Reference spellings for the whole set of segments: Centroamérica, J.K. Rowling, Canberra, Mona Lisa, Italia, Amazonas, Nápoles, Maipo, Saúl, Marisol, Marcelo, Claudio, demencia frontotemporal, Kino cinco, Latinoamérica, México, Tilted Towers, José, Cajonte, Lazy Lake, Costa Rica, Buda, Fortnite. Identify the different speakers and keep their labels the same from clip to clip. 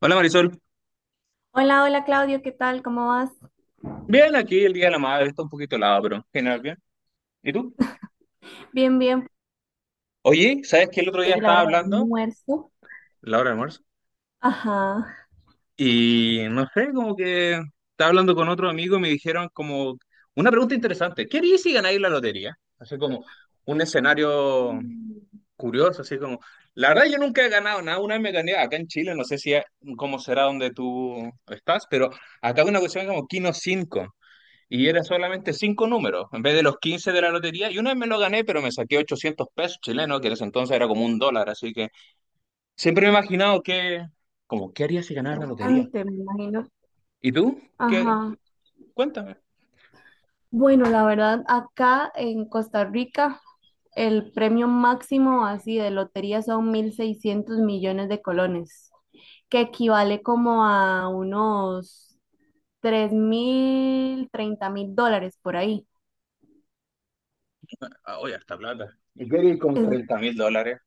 Speaker 1: Hola Marisol.
Speaker 2: Hola, hola Claudio, ¿qué tal? ¿Cómo vas?
Speaker 1: Bien, aquí el Día de la Madre está un poquito helado, pero general bien. ¿Y tú?
Speaker 2: Bien, bien.
Speaker 1: Oye, ¿sabes que el otro día
Speaker 2: Llegue la
Speaker 1: estaba
Speaker 2: hora del
Speaker 1: hablando,
Speaker 2: almuerzo.
Speaker 1: la hora de almuerzo?
Speaker 2: Ajá.
Speaker 1: Y no sé, como que estaba hablando con otro amigo y me dijeron como una pregunta interesante. ¿Qué harías si ganáis la lotería? Así como un escenario
Speaker 2: Mm,
Speaker 1: curioso, así como. La verdad yo nunca he ganado nada, una vez me gané acá en Chile, no sé si cómo será donde tú estás, pero acá hay una cuestión como Kino cinco. Y era solamente cinco números, en vez de los 15 de la lotería. Y una vez me lo gané, pero me saqué 800 pesos chilenos, que en ese entonces era como un dólar. Así que siempre me he imaginado que, como, ¿qué haría si ganara la lotería?
Speaker 2: Antes, me imagino.
Speaker 1: ¿Y tú? ¿Qué?
Speaker 2: Ajá.
Speaker 1: Cuéntame.
Speaker 2: Bueno, la verdad, acá en Costa Rica, el premio máximo así de lotería son 1.600 millones de colones, que equivale como a unos 3.000, 30.000 dólares por ahí.
Speaker 1: Ah, oye, harta plata. ¿Y qué haría con
Speaker 2: Es
Speaker 1: $30,000?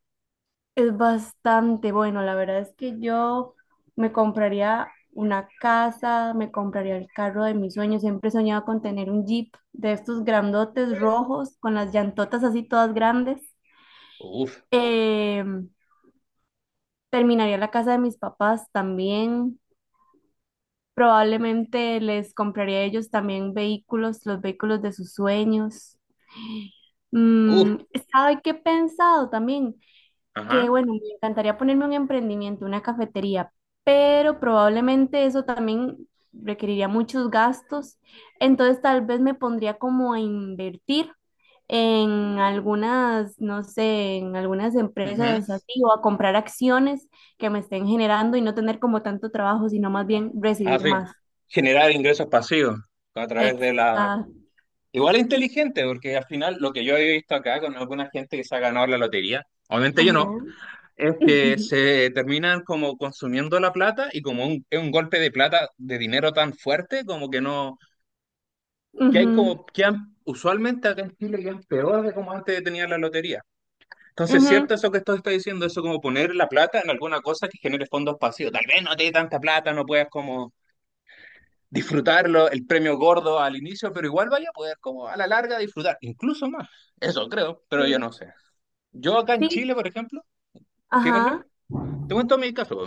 Speaker 2: Es bastante bueno, la verdad es que yo me compraría una casa, me compraría el carro de mis sueños, siempre soñaba con tener un Jeep de estos grandotes rojos, con las llantotas así todas grandes.
Speaker 1: Uf,
Speaker 2: Eh, Terminaría la casa de mis papás también, probablemente les compraría a ellos también vehículos, los vehículos de sus sueños.
Speaker 1: uf.
Speaker 2: Mm, ¿sabe qué he pensado también? Que
Speaker 1: Ajá.
Speaker 2: bueno, me encantaría ponerme un emprendimiento, una cafetería, pero probablemente eso también requeriría muchos gastos, entonces tal vez me pondría como a invertir en algunas, no sé, en algunas
Speaker 1: Ujú.
Speaker 2: empresas así o a comprar acciones que me estén generando y no tener como tanto trabajo, sino más bien
Speaker 1: Ah,
Speaker 2: recibir
Speaker 1: sí.
Speaker 2: más.
Speaker 1: Generar ingresos pasivos a través de la.
Speaker 2: Exacto.
Speaker 1: Igual es inteligente, porque al final lo que yo he visto acá con alguna gente que se ha ganado la lotería, obviamente yo no.
Speaker 2: Ajá.
Speaker 1: Es que se terminan como consumiendo la plata y como es un golpe de plata, de dinero tan fuerte, como que no, que hay
Speaker 2: Ujú,
Speaker 1: como, que usualmente acá en Chile ya es peor de como antes tenía la lotería. Entonces,
Speaker 2: ujú.
Speaker 1: cierto eso que esto está diciendo, eso como poner la plata en alguna cosa que genere fondos pasivos. Tal vez no te dé tanta plata, no puedas como disfrutarlo, el premio gordo al inicio, pero igual vaya a poder como a la larga disfrutar, incluso más. Eso creo, pero yo
Speaker 2: Sí.
Speaker 1: no sé. Yo acá en
Speaker 2: Sí,
Speaker 1: Chile, por ejemplo, ¿qué, Marcelo?
Speaker 2: ajá,
Speaker 1: Te cuento mi caso.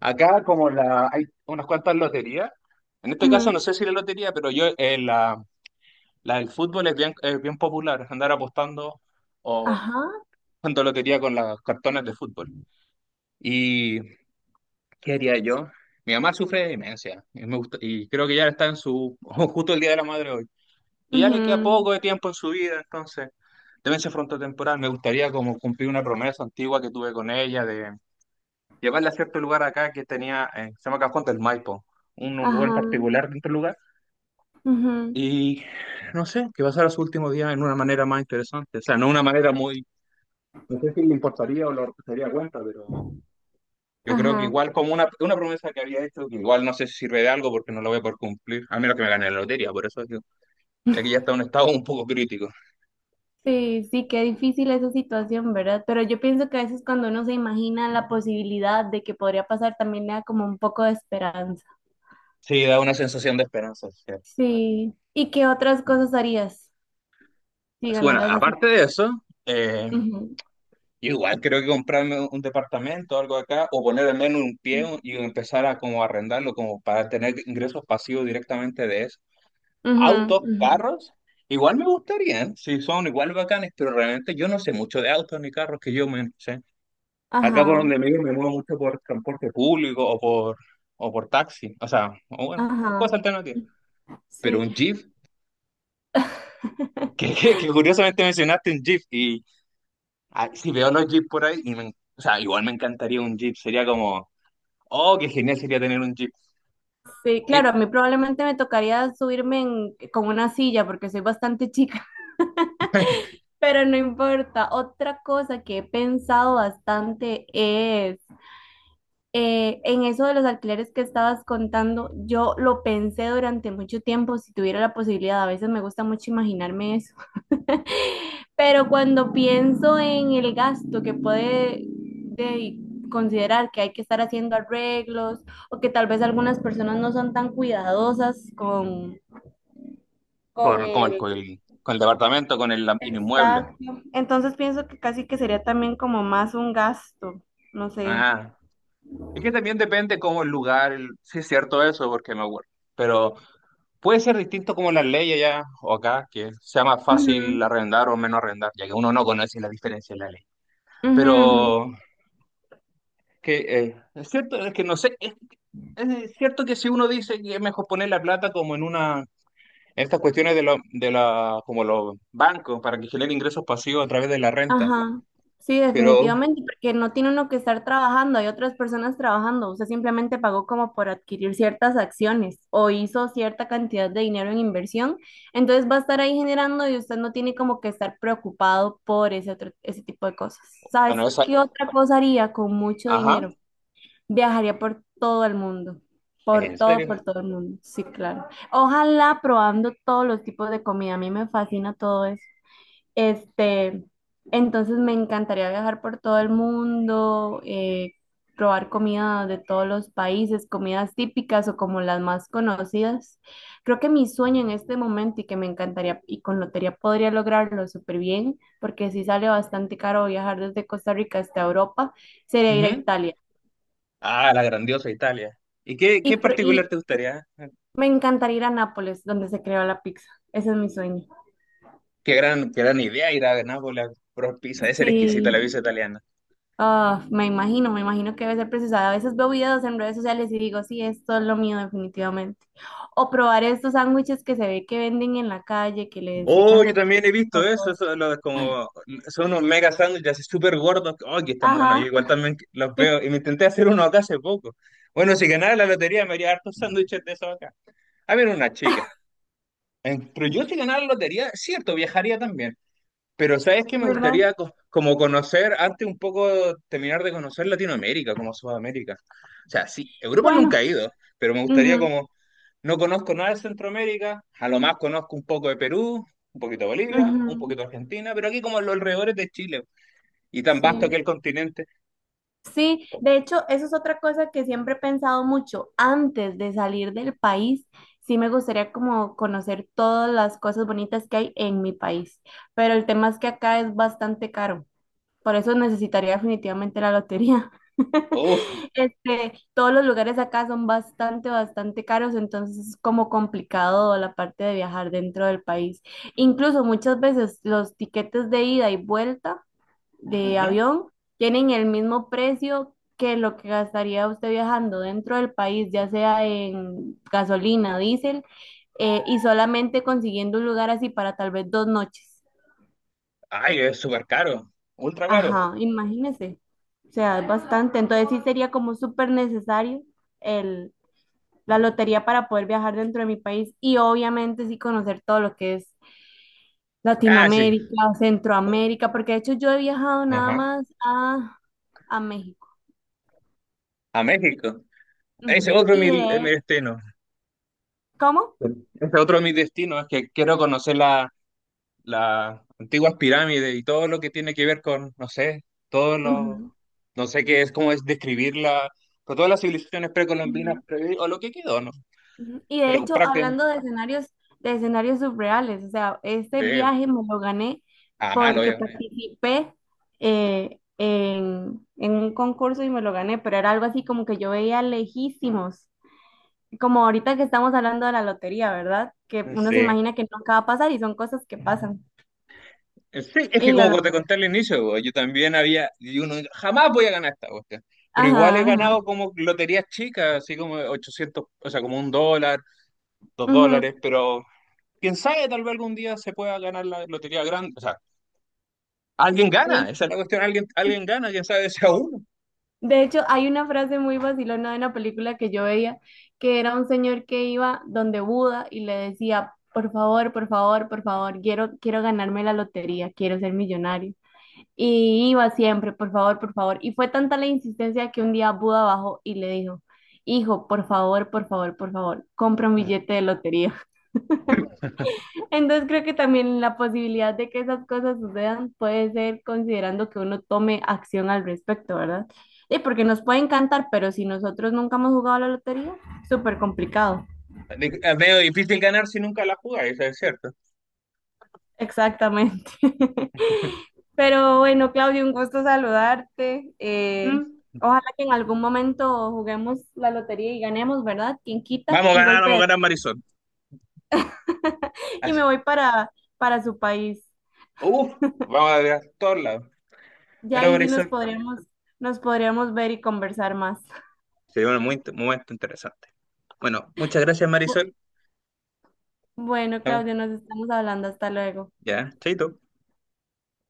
Speaker 1: Acá como la, hay unas cuantas loterías, en este caso
Speaker 2: ujú,
Speaker 1: no sé si la lotería, pero yo la del fútbol es bien popular, andar apostando o
Speaker 2: ajá,
Speaker 1: jugando lotería con los cartones de fútbol. ¿Y qué haría yo? Mi mamá sufre de demencia y creo que ya está en su, justo el Día de la Madre hoy. Y ya le queda
Speaker 2: ujú.
Speaker 1: poco de tiempo en su vida, entonces, demencia frontotemporal, me gustaría como cumplir una promesa antigua que tuve con ella llevarla a cierto lugar acá que tenía, se llama Cajonte, el Maipo, un lugar en
Speaker 2: Ajá,
Speaker 1: particular dentro del lugar,
Speaker 2: ujú,
Speaker 1: y no sé, que pasara su último día en una manera más interesante, o sea, no una manera muy, no sé si le importaría o lo se daría cuenta, pero yo creo que
Speaker 2: ajá.
Speaker 1: igual como una promesa que había hecho, que igual no sé si sirve de algo porque no lo voy a poder cumplir, a menos que me gane la lotería, por eso digo, ya que ya está en un estado un poco crítico.
Speaker 2: Sí, sí, qué difícil esa situación, ¿verdad? Pero yo pienso que a veces cuando uno se imagina la posibilidad de que podría pasar, también le da como un poco de esperanza.
Speaker 1: Sí, da una sensación de esperanza, es cierto.
Speaker 2: Sí. ¿Y qué otras cosas harías si
Speaker 1: Bueno,
Speaker 2: ganaras así?
Speaker 1: aparte de eso... eh,
Speaker 2: Ujú,
Speaker 1: Yo igual creo que comprarme un departamento o algo acá, o poner al menos un pie
Speaker 2: sí.
Speaker 1: y empezar a como arrendarlo, como para tener ingresos pasivos directamente de eso.
Speaker 2: Ujú,
Speaker 1: Autos,
Speaker 2: ujú.
Speaker 1: carros, igual me gustarían, si son igual bacanes, pero realmente yo no sé mucho de autos ni carros que yo me no sé. Acá por
Speaker 2: Ajá,
Speaker 1: donde me vivo me muevo mucho por transporte público o por taxi, o sea, o bueno,
Speaker 2: ajá.
Speaker 1: cosas alternativas. Pero
Speaker 2: Sí.
Speaker 1: un Jeep, que, que, que curiosamente mencionaste un Jeep, y si veo los Jeep por ahí, y me, o sea, igual me encantaría un Jeep, sería como oh, qué genial sería tener un jeep.
Speaker 2: Sí,
Speaker 1: Y
Speaker 2: claro, a mí probablemente me tocaría subirme en- con una silla porque soy bastante chica. Pero no importa. Otra cosa que he pensado bastante es en eso de los alquileres que estabas contando, yo lo pensé durante mucho tiempo, si tuviera la posibilidad, a veces me gusta mucho imaginarme eso, pero cuando pienso en el gasto que puede de- considerar que hay que estar haciendo arreglos o que tal vez algunas personas no son tan cuidadosas con
Speaker 1: con, con el,
Speaker 2: el
Speaker 1: con el- con el departamento, con el inmueble.
Speaker 2: Exacto. Entonces pienso que casi que sería también como más un gasto, no sé.
Speaker 1: Ah, es que también depende cómo el lugar, sí es cierto eso, porque me acuerdo. Pero puede ser distinto como las leyes allá o acá, que sea más
Speaker 2: Ujú,
Speaker 1: fácil arrendar o menos arrendar, ya que uno no conoce la diferencia de la ley.
Speaker 2: ujú, ujú.
Speaker 1: Pero que es cierto, es que no sé, es cierto que si uno dice que es mejor poner la plata como en una, en estas cuestiones de, de la, como los bancos, para que generen ingresos pasivos a través de la renta.
Speaker 2: Ajá. Sí,
Speaker 1: Pero,
Speaker 2: definitivamente, porque no tiene uno que estar trabajando, hay otras personas trabajando. Usted simplemente pagó como por adquirir ciertas acciones o hizo cierta cantidad de dinero en inversión. Entonces va a estar ahí generando y usted no tiene como que estar preocupado por ese otro, ese tipo de cosas. ¿Sabes
Speaker 1: bueno, esa,
Speaker 2: qué otra cosa haría con mucho
Speaker 1: ajá,
Speaker 2: dinero? Viajaría por todo el mundo,
Speaker 1: en serio.
Speaker 2: por todo el mundo, sí, claro. Ojalá probando todos los tipos de comida, a mí me fascina todo eso. Este, entonces me encantaría viajar por todo el mundo, probar comida de todos los países, comidas típicas o como las más conocidas. Creo que mi sueño en este momento y que me encantaría y con lotería podría lograrlo súper bien, porque sí sale bastante caro viajar desde Costa Rica hasta Europa, sería ir a
Speaker 1: Ujú.
Speaker 2: Italia.
Speaker 1: Ah, la grandiosa Italia. ¿Y qué,
Speaker 2: Y,
Speaker 1: qué
Speaker 2: pro-
Speaker 1: particular
Speaker 2: y
Speaker 1: te gustaría?
Speaker 2: Me encantaría ir a Nápoles, donde se creó la pizza. Ese es mi sueño.
Speaker 1: Qué gran idea ir a Nápoles a probar pizza, debe ser exquisita
Speaker 2: Sí,
Speaker 1: la pizza italiana.
Speaker 2: ah, me imagino que debe ser preciosa. A veces veo videos en redes sociales y digo, sí, esto es lo mío definitivamente. O probar estos sándwiches que se ve que venden en la calle, que les
Speaker 1: Oh,
Speaker 2: echan
Speaker 1: yo
Speaker 2: de
Speaker 1: también he
Speaker 2: tipo
Speaker 1: visto
Speaker 2: de
Speaker 1: eso,
Speaker 2: cosas.
Speaker 1: eso lo como, son unos mega sándwiches así súper gordos, oh, que están buenos, yo
Speaker 2: Ajá,
Speaker 1: igual también los veo, y me intenté hacer uno acá hace poco. Bueno, si ganara la lotería me haría hartos sándwiches de esos acá. A ver, una chica. Pero yo si ganara la lotería, cierto, viajaría también. Pero sabes que me
Speaker 2: ¿verdad?
Speaker 1: gustaría como conocer, antes un poco terminar de conocer Latinoamérica, como Sudamérica. O sea, sí, Europa nunca
Speaker 2: Bueno,
Speaker 1: he ido, pero me gustaría
Speaker 2: ujú,
Speaker 1: como, no conozco nada de Centroamérica, a lo más conozco un poco de Perú, un poquito de Bolivia, un
Speaker 2: ujú,
Speaker 1: poquito de Argentina, pero aquí como en los alrededores de Chile, y tan vasto que
Speaker 2: sí.
Speaker 1: el continente.
Speaker 2: Sí, de hecho, eso es otra cosa que siempre he pensado mucho. Antes de salir del país, sí me gustaría como conocer todas las cosas bonitas que hay en mi país, pero el tema es que acá es bastante caro. Por eso necesitaría definitivamente la lotería.
Speaker 1: Uf,
Speaker 2: Este, todos los lugares acá son bastante, bastante caros, entonces es como complicado la parte de viajar dentro del país. Incluso muchas veces los tiquetes de ida y vuelta de
Speaker 1: ujú.
Speaker 2: avión tienen el mismo precio que lo que gastaría usted viajando dentro del país, ya sea en gasolina, diésel, y solamente consiguiendo un lugar así para tal vez 2 noches.
Speaker 1: Ay, es súper caro, ultra caro.
Speaker 2: Ajá, imagínese. O sea, es bastante. Entonces sí sería como súper necesario el, la lotería para poder viajar dentro de mi país y obviamente sí conocer todo lo que es
Speaker 1: Ah, sí.
Speaker 2: Latinoamérica,
Speaker 1: U-
Speaker 2: Centroamérica, porque de hecho yo he viajado nada
Speaker 1: Ajá.
Speaker 2: más a México.
Speaker 1: A México. Ese es
Speaker 2: Ujú.
Speaker 1: otro es
Speaker 2: Y
Speaker 1: mi
Speaker 2: de,
Speaker 1: destino.
Speaker 2: ¿cómo?
Speaker 1: Ese otro de mis destinos, es que quiero conocer la las antiguas pirámides y todo lo que tiene que ver con, no sé, todos los,
Speaker 2: Ujú,
Speaker 1: no sé qué es, cómo es describirla, pero todas las civilizaciones precolombinas
Speaker 2: ujú,
Speaker 1: o lo que quedó, ¿no?
Speaker 2: ujú. Y de
Speaker 1: Pero
Speaker 2: hecho,
Speaker 1: prácticamente,
Speaker 2: hablando de escenarios surreales, o sea, este
Speaker 1: sí,
Speaker 2: viaje me lo gané
Speaker 1: a malo,
Speaker 2: porque
Speaker 1: obviamente.
Speaker 2: participé en un concurso y me lo gané, pero era algo así como que yo veía lejísimos, como ahorita que estamos hablando de la lotería, ¿verdad? Que uno se
Speaker 1: Sí.
Speaker 2: imagina que nunca va a pasar y son cosas que pasan.
Speaker 1: Sí, es
Speaker 2: Y
Speaker 1: que
Speaker 2: lo
Speaker 1: como te
Speaker 2: logré.
Speaker 1: conté al inicio, bo, yo también había, y uno, jamás voy a ganar esta cuestión. Pero igual
Speaker 2: Ajá,
Speaker 1: he
Speaker 2: ajá.
Speaker 1: ganado como loterías chicas, así como 800 o sea, como un dólar, dos
Speaker 2: Ujú,
Speaker 1: dólares, pero quién sabe, tal vez algún día se pueda ganar la lotería grande. Alguien gana,
Speaker 2: sí.
Speaker 1: esa es la cuestión, alguien, alguien gana, ya sabes, sea uno.
Speaker 2: De hecho, hay una frase muy vacilona de una película que yo veía, que era un señor que iba donde Buda y le decía, por favor, por favor, por favor, quiero ganarme la lotería, quiero ser millonario. Y iba siempre, por favor, por favor. Y fue tanta la insistencia que un día Buda bajó y le dijo, hijo, por favor, por favor, por favor, compra un
Speaker 1: Mm.
Speaker 2: billete de lotería. Entonces creo que también la posibilidad de que esas cosas sucedan puede ser considerando que uno tome acción al respecto, ¿verdad? Sí, porque nos puede encantar, pero si nosotros nunca hemos jugado a la lotería, súper complicado.
Speaker 1: Es medio difícil ganar si nunca la jugáis, eso es cierto.
Speaker 2: Exactamente. Pero bueno, Claudio, un gusto saludarte.
Speaker 1: Mm.
Speaker 2: Ojalá que en algún momento juguemos la lotería y ganemos, ¿verdad? ¿Quién quita un golpe
Speaker 1: Vamos a
Speaker 2: de...
Speaker 1: ganar Marisol.
Speaker 2: Y
Speaker 1: Así.
Speaker 2: me voy para su país.
Speaker 1: Uf, vamos a ganar todos lados.
Speaker 2: Ya
Speaker 1: Pero
Speaker 2: ahí sí
Speaker 1: Marisol,
Speaker 2: nos podríamos ver y conversar más.
Speaker 1: se dio un momento interesante. Bueno, muchas gracias
Speaker 2: Bu-
Speaker 1: Marisol.
Speaker 2: Bueno,
Speaker 1: Vamos,
Speaker 2: Claudio, nos estamos hablando. Hasta luego.
Speaker 1: ya, chaito.